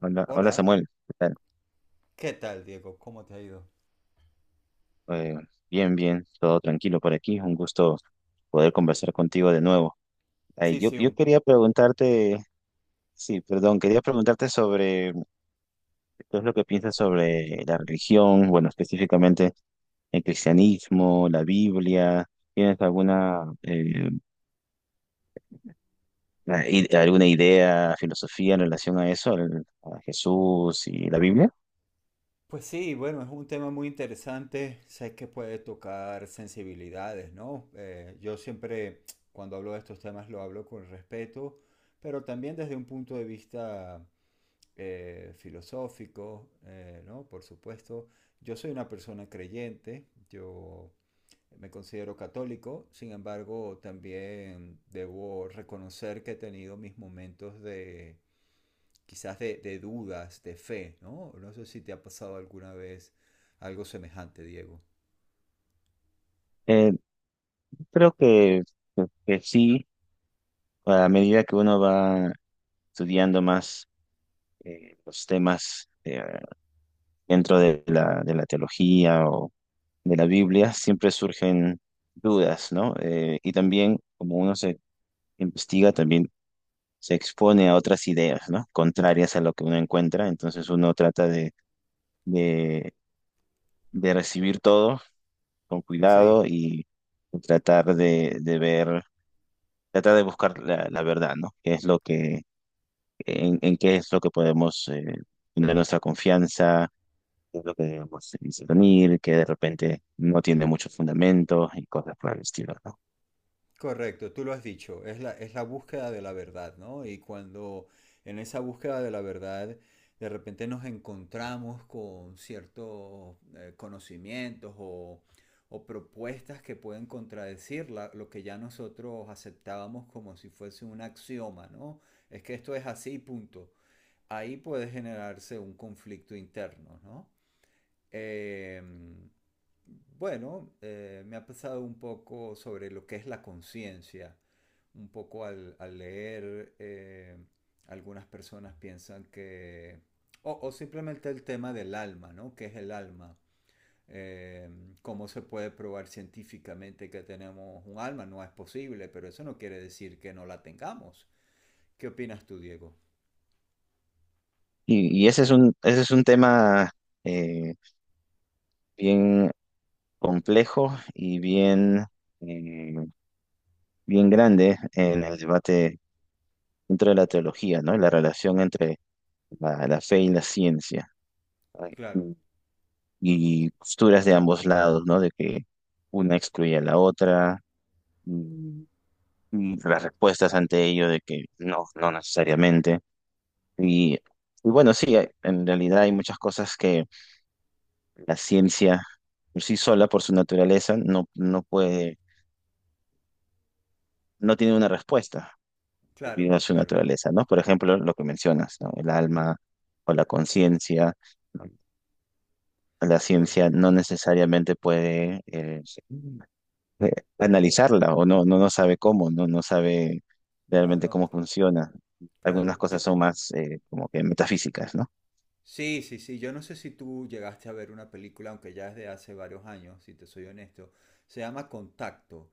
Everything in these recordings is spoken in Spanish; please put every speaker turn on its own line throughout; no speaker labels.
Hola, hola
Hola,
Samuel, ¿qué tal?
¿qué tal, Diego? ¿Cómo te ha ido?
Eh, Bien, bien, todo tranquilo por aquí. Un gusto poder conversar contigo de nuevo. Ay,
Sí,
yo,
sí,
yo
un-
quería preguntarte, sí, perdón, quería preguntarte sobre qué es lo que piensas sobre la religión, bueno, específicamente el cristianismo, la Biblia. ¿Tienes alguna, alguna idea, filosofía en relación a eso, a Jesús y la Biblia?
pues sí, bueno, es un tema muy interesante. Sé que puede tocar sensibilidades, ¿no? Yo siempre, cuando hablo de estos temas, lo hablo con respeto, pero también desde un punto de vista filosófico, ¿no? Por supuesto, yo soy una persona creyente, yo Me considero católico. Sin embargo, también debo reconocer que he tenido mis momentos de quizás de dudas, de fe, ¿no? No sé si te ha pasado alguna vez algo semejante, Diego.
Eh, Creo que sí, a medida que uno va estudiando más los temas dentro de de la teología o de la Biblia, siempre surgen dudas, ¿no? Y también, como uno se investiga, también se expone a otras ideas, ¿no? Contrarias a lo que uno encuentra, entonces uno trata de, de recibir todo con
Sí.
cuidado y tratar de ver, tratar de buscar la verdad, ¿no? ¿Qué es lo que, en qué es lo que podemos tener nuestra confianza, es lo que digamos, se dice que de repente no tiene muchos fundamentos y cosas por el estilo, ¿no?
Correcto, tú lo has dicho, es la búsqueda de la verdad, ¿no? Y cuando en esa búsqueda de la verdad de repente nos encontramos con ciertos conocimientos o propuestas que pueden contradecir lo que ya nosotros aceptábamos como si fuese un axioma, ¿no? Es que esto es así, punto. Ahí puede generarse un conflicto interno, ¿no? Em, bueno, me ha pasado un poco sobre lo que es la conciencia. Un poco al leer, algunas personas piensan que... O, o simplemente el tema del alma, ¿no? ¿Qué es el alma? Eh, ¿Cómo se puede probar científicamente que tenemos un alma? No es posible, pero eso no quiere decir que no la tengamos. ¿Qué opinas tú, Diego?
Y ese es un tema eh, bien complejo y bien, eh, bien grande en el debate dentro de la teología, ¿no? La relación entre la fe y la ciencia, ¿no?
Claro,
Y y posturas de ambos lados, ¿no? De que una excluye a la otra. Y y las respuestas ante ello de que no, no necesariamente. Y bueno, sí, en realidad hay muchas cosas que la ciencia por sí sola, por su naturaleza, no, no puede, no tiene una respuesta
claro,
debido a su
claro.
naturaleza, ¿no? Por ejemplo, lo que mencionas, ¿no? El alma o la conciencia. La
Corre.
ciencia no necesariamente puede eh, analizarla o no, no sabe cómo, no sabe
No,
realmente
no,
cómo funciona. Algunas
claro. Yo,
cosas son más como que metafísicas, ¿no?
sí, sí, sí. Yo no sé si tú llegaste a ver una película, aunque ya es de hace varios años, si te soy honesto. Se llama Contacto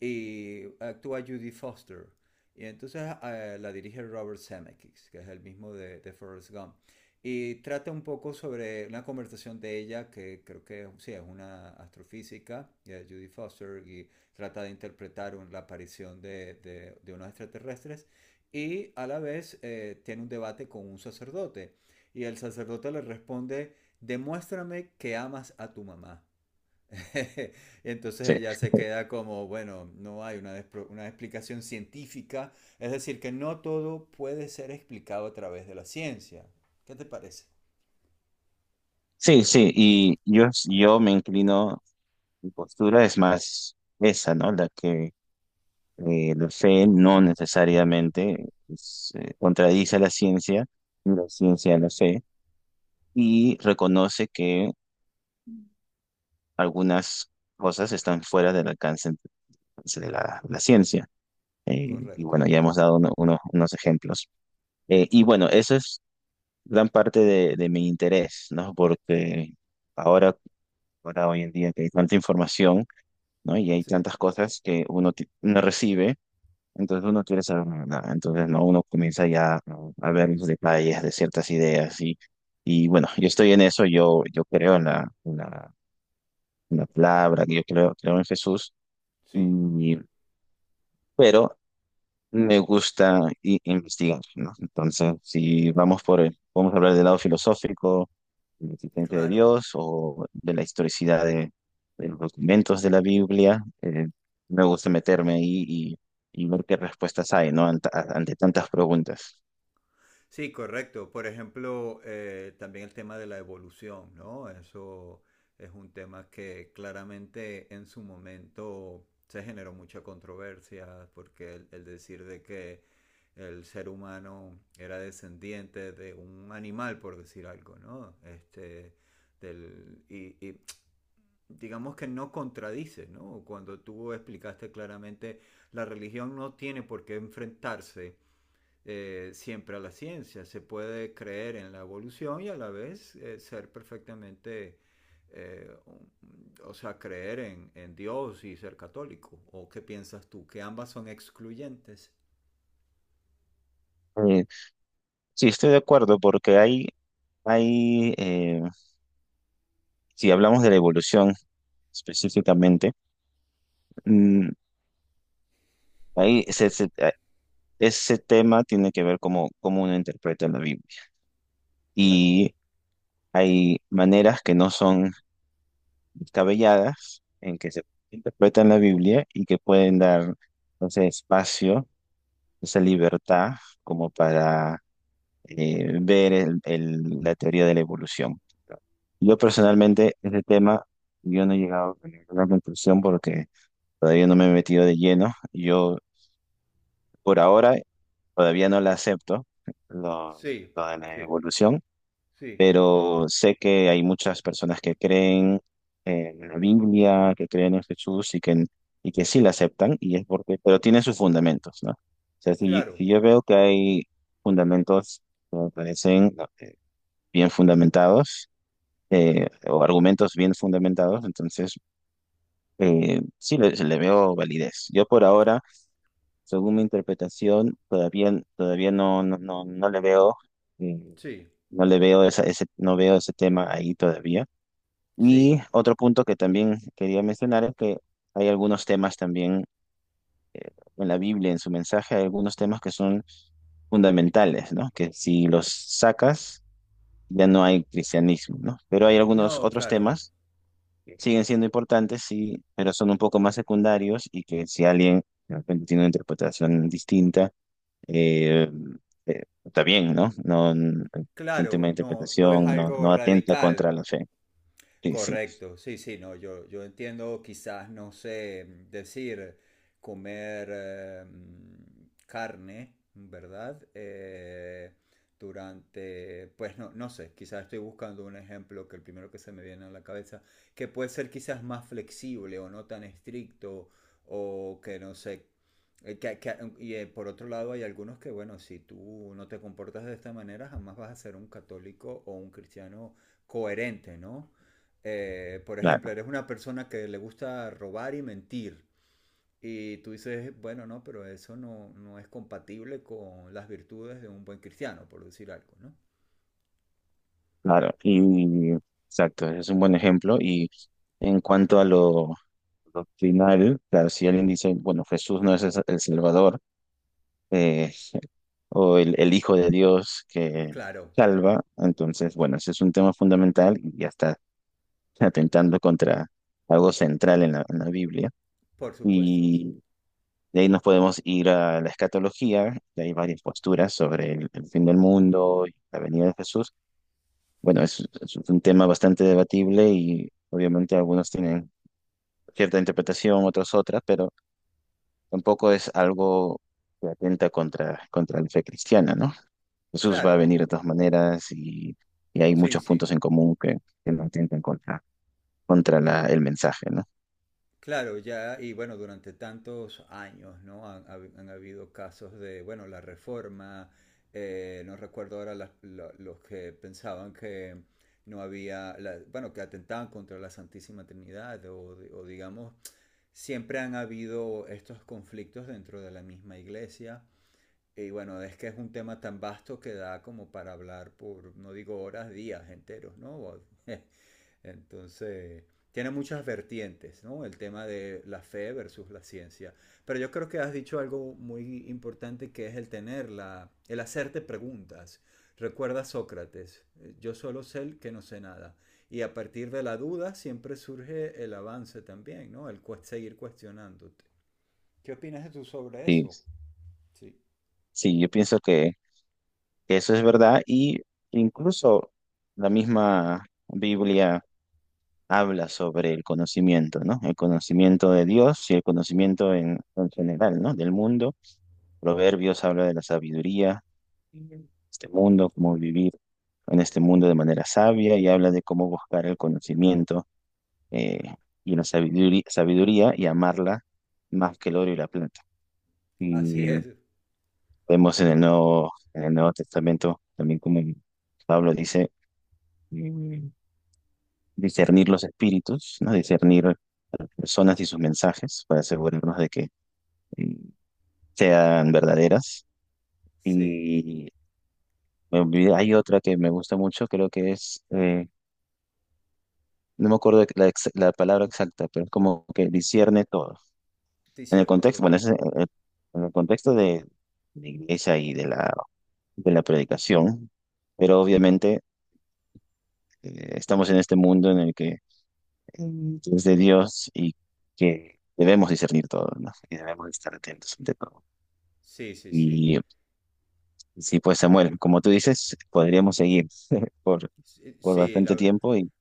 y actúa Judy Foster. Y entonces la dirige Robert Zemeckis, que es el mismo de de Forrest Gump. Y trata un poco sobre una conversación de ella, que creo que sí, es una astrofísica, ya, Judy Foster, y trata de interpretar la aparición de, de- unos extraterrestres. Y a la vez tiene un debate con un sacerdote. Y el sacerdote le responde, demuéstrame que amas a tu mamá. Entonces
Sí,
ella se queda como, bueno, no hay una, una explicación científica, es decir, que no todo puede ser explicado a través de la ciencia. ¿Qué te parece?
sí, sí, y yo me inclino. Mi postura es más esa, ¿no? La que la fe no necesariamente es, contradice a la ciencia, ni la ciencia a la fe, y reconoce que algunas cosas están fuera del alcance de la ciencia. Y
Correcto.
bueno, ya hemos dado unos ejemplos. Y bueno, eso es gran parte de mi interés, ¿no? Porque ahora, ahora hoy en día que hay tanta información, ¿no? Y hay
Sí.
tantas cosas que uno, uno recibe. Entonces uno quiere saber la verdad. Entonces no, uno comienza ya, ¿no?, a ver los detalles de ciertas ideas y bueno, yo estoy en eso, yo creo en en la palabra, yo creo, creo en Jesús,
Sí,
y, pero me gusta investigar, ¿no? Entonces, si vamos por el, vamos a hablar del lado filosófico, de la existencia de
claro.
Dios o de la historicidad de los documentos de la Biblia, me gusta meterme ahí y ver qué respuestas hay, ¿no? Ante, ante tantas preguntas.
Sí, correcto. Por ejemplo, también el tema de la evolución, ¿no? Eso es un tema que claramente en su momento se generó mucha controversia, porque el decir de que el ser humano era descendiente de un animal, por decir algo, ¿no? Este, y digamos que no contradice, ¿no? Cuando tú explicaste claramente, la religión no tiene por qué enfrentarse siempre a la ciencia. Se puede creer en la evolución y a la vez ser perfectamente, eh, o sea, creer en Dios y ser católico. ¿O qué piensas tú? ¿Que ambas son excluyentes?
Eh, sí, estoy de acuerdo porque hay si hablamos de la evolución específicamente, mm, ahí ese tema tiene que ver cómo, cómo uno interpreta la Biblia.
Claro,
Y hay maneras que no son descabelladas en que se interpreta la Biblia y que pueden dar ese espacio, esa libertad como para ver la teoría de la evolución. Yo
sí,
personalmente, ese tema, yo no he llegado a ninguna conclusión porque todavía no me he metido de lleno. Yo, por ahora, todavía no la acepto, lo,
sí,
lo de la
sí,
evolución,
sí,
pero sé que hay muchas personas que creen en la Biblia, que creen en Jesús y que sí la aceptan, y es porque, pero tiene sus fundamentos, ¿no? O sea,
claro,
si yo veo que hay fundamentos que me parecen bien fundamentados o argumentos bien fundamentados, entonces sí le veo validez. Yo por ahora, según mi interpretación, todavía, todavía no le veo, eh,
sí,
no le veo esa, ese, no veo ese tema ahí todavía.
sí.
Y otro punto que también quería mencionar es que hay algunos temas también en la Biblia, en su mensaje, hay algunos temas que son fundamentales, ¿no? Que si los sacas, ya no hay cristianismo, ¿no? Pero hay algunos
No,
otros
claro,
temas siguen siendo importantes, sí, pero son un poco más secundarios y que si alguien de repente tiene una interpretación distinta, eh, está bien, ¿no? Es un tema de
claro, no, no es
interpretación, no,
algo
no atenta contra
radical.
la fe. Sí, sí,
Correcto, sí, sí, no, yo entiendo, quizás, no sé, decir, comer carne, ¿verdad? Durante, pues no, no sé, quizás estoy buscando un ejemplo, que el primero que se me viene a la cabeza, que puede ser quizás más flexible o no tan estricto, o que no sé, por otro lado hay algunos que, bueno, si tú no te comportas de esta manera, jamás vas a ser un católico o un cristiano coherente, ¿no? Por ejemplo,
claro,
eres una persona que le gusta robar y mentir. Y tú dices, bueno, no, pero eso no, no es compatible con las virtudes de un buen cristiano, por decir algo, ¿no?
claro. Y exacto, es un buen ejemplo. Y en cuanto a lo doctrinal, claro, si alguien dice, bueno, Jesús no es el Salvador, eh, o el Hijo de Dios que
Claro,
salva, entonces, bueno, ese es un tema fundamental y hasta atentando contra algo central en en la Biblia.
por supuesto.
Y de ahí nos podemos ir a la escatología, que hay varias posturas sobre el fin del mundo y la venida de Jesús. Bueno, es un tema bastante debatible y obviamente algunos tienen cierta interpretación, otros otras, pero tampoco es algo que atenta contra, contra la fe cristiana, ¿no? Jesús va a
Claro,
venir de todas maneras y hay
sí,
muchos
sí.
puntos en común que no atentan contra, el mensaje, ¿no?
Claro, ya, y bueno, durante tantos años, ¿no? Han habido casos de, bueno, la reforma, no recuerdo ahora los que pensaban que no había, bueno, que atentaban contra la Santísima Trinidad o digamos, siempre han habido estos conflictos dentro de la misma iglesia. Y bueno, es que es un tema tan vasto que da como para hablar por, no digo horas, días enteros, ¿no? Entonces, tiene muchas vertientes, ¿no? El tema de la fe versus la ciencia. Pero yo creo que has dicho algo muy importante, que es el tener la, el hacerte preguntas. Recuerda Sócrates, yo solo sé el que no sé nada. Y a partir de la duda siempre surge el avance también, ¿no? Seguir cuestionándote. ¿Qué opinas tú sobre
Sí,
eso? Sí.
sí, yo pienso que eso es verdad y incluso la misma Biblia habla sobre el conocimiento, ¿no? El conocimiento de Dios y el conocimiento en general, ¿no? Del mundo. Proverbios habla de la sabiduría, este mundo, cómo vivir en este mundo de manera sabia y habla de cómo buscar el conocimiento eh, y la sabiduría, sabiduría y amarla más que el oro y la plata.
Así es.
Vemos en el Nuevo Testamento también como Pablo dice, mm, discernir los espíritus, ¿no? Discernir a las personas y sus mensajes para asegurarnos de que mm, sean verdaderas.
Sí.
Y hay otra que me gusta mucho, creo que es, no me acuerdo la palabra exacta, pero es como que discierne todo.
Te
En el
cierne
contexto,
todo.
bueno, en el contexto de la iglesia y de de la predicación, pero obviamente estamos en este mundo en el que es de Dios y que debemos discernir todo, ¿no? Y debemos estar atentos ante todo.
Sí, sí, sí.
Y sí, pues
Pues,
Samuel, como tú dices, podríamos seguir por,
sí,
por
sí,
bastante
la,
tiempo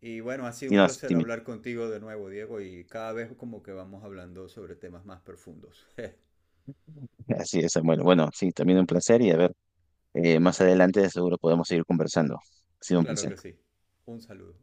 y bueno, ha sido
y
un
no, sí,
placer
dime.
hablar contigo de nuevo, Diego, y cada vez como que vamos hablando sobre temas más profundos.
Así es, Samuel. Bueno, sí, también un placer y a ver, más adelante seguro podemos seguir conversando. Ha sido un
Claro
placer.
que sí. Un saludo.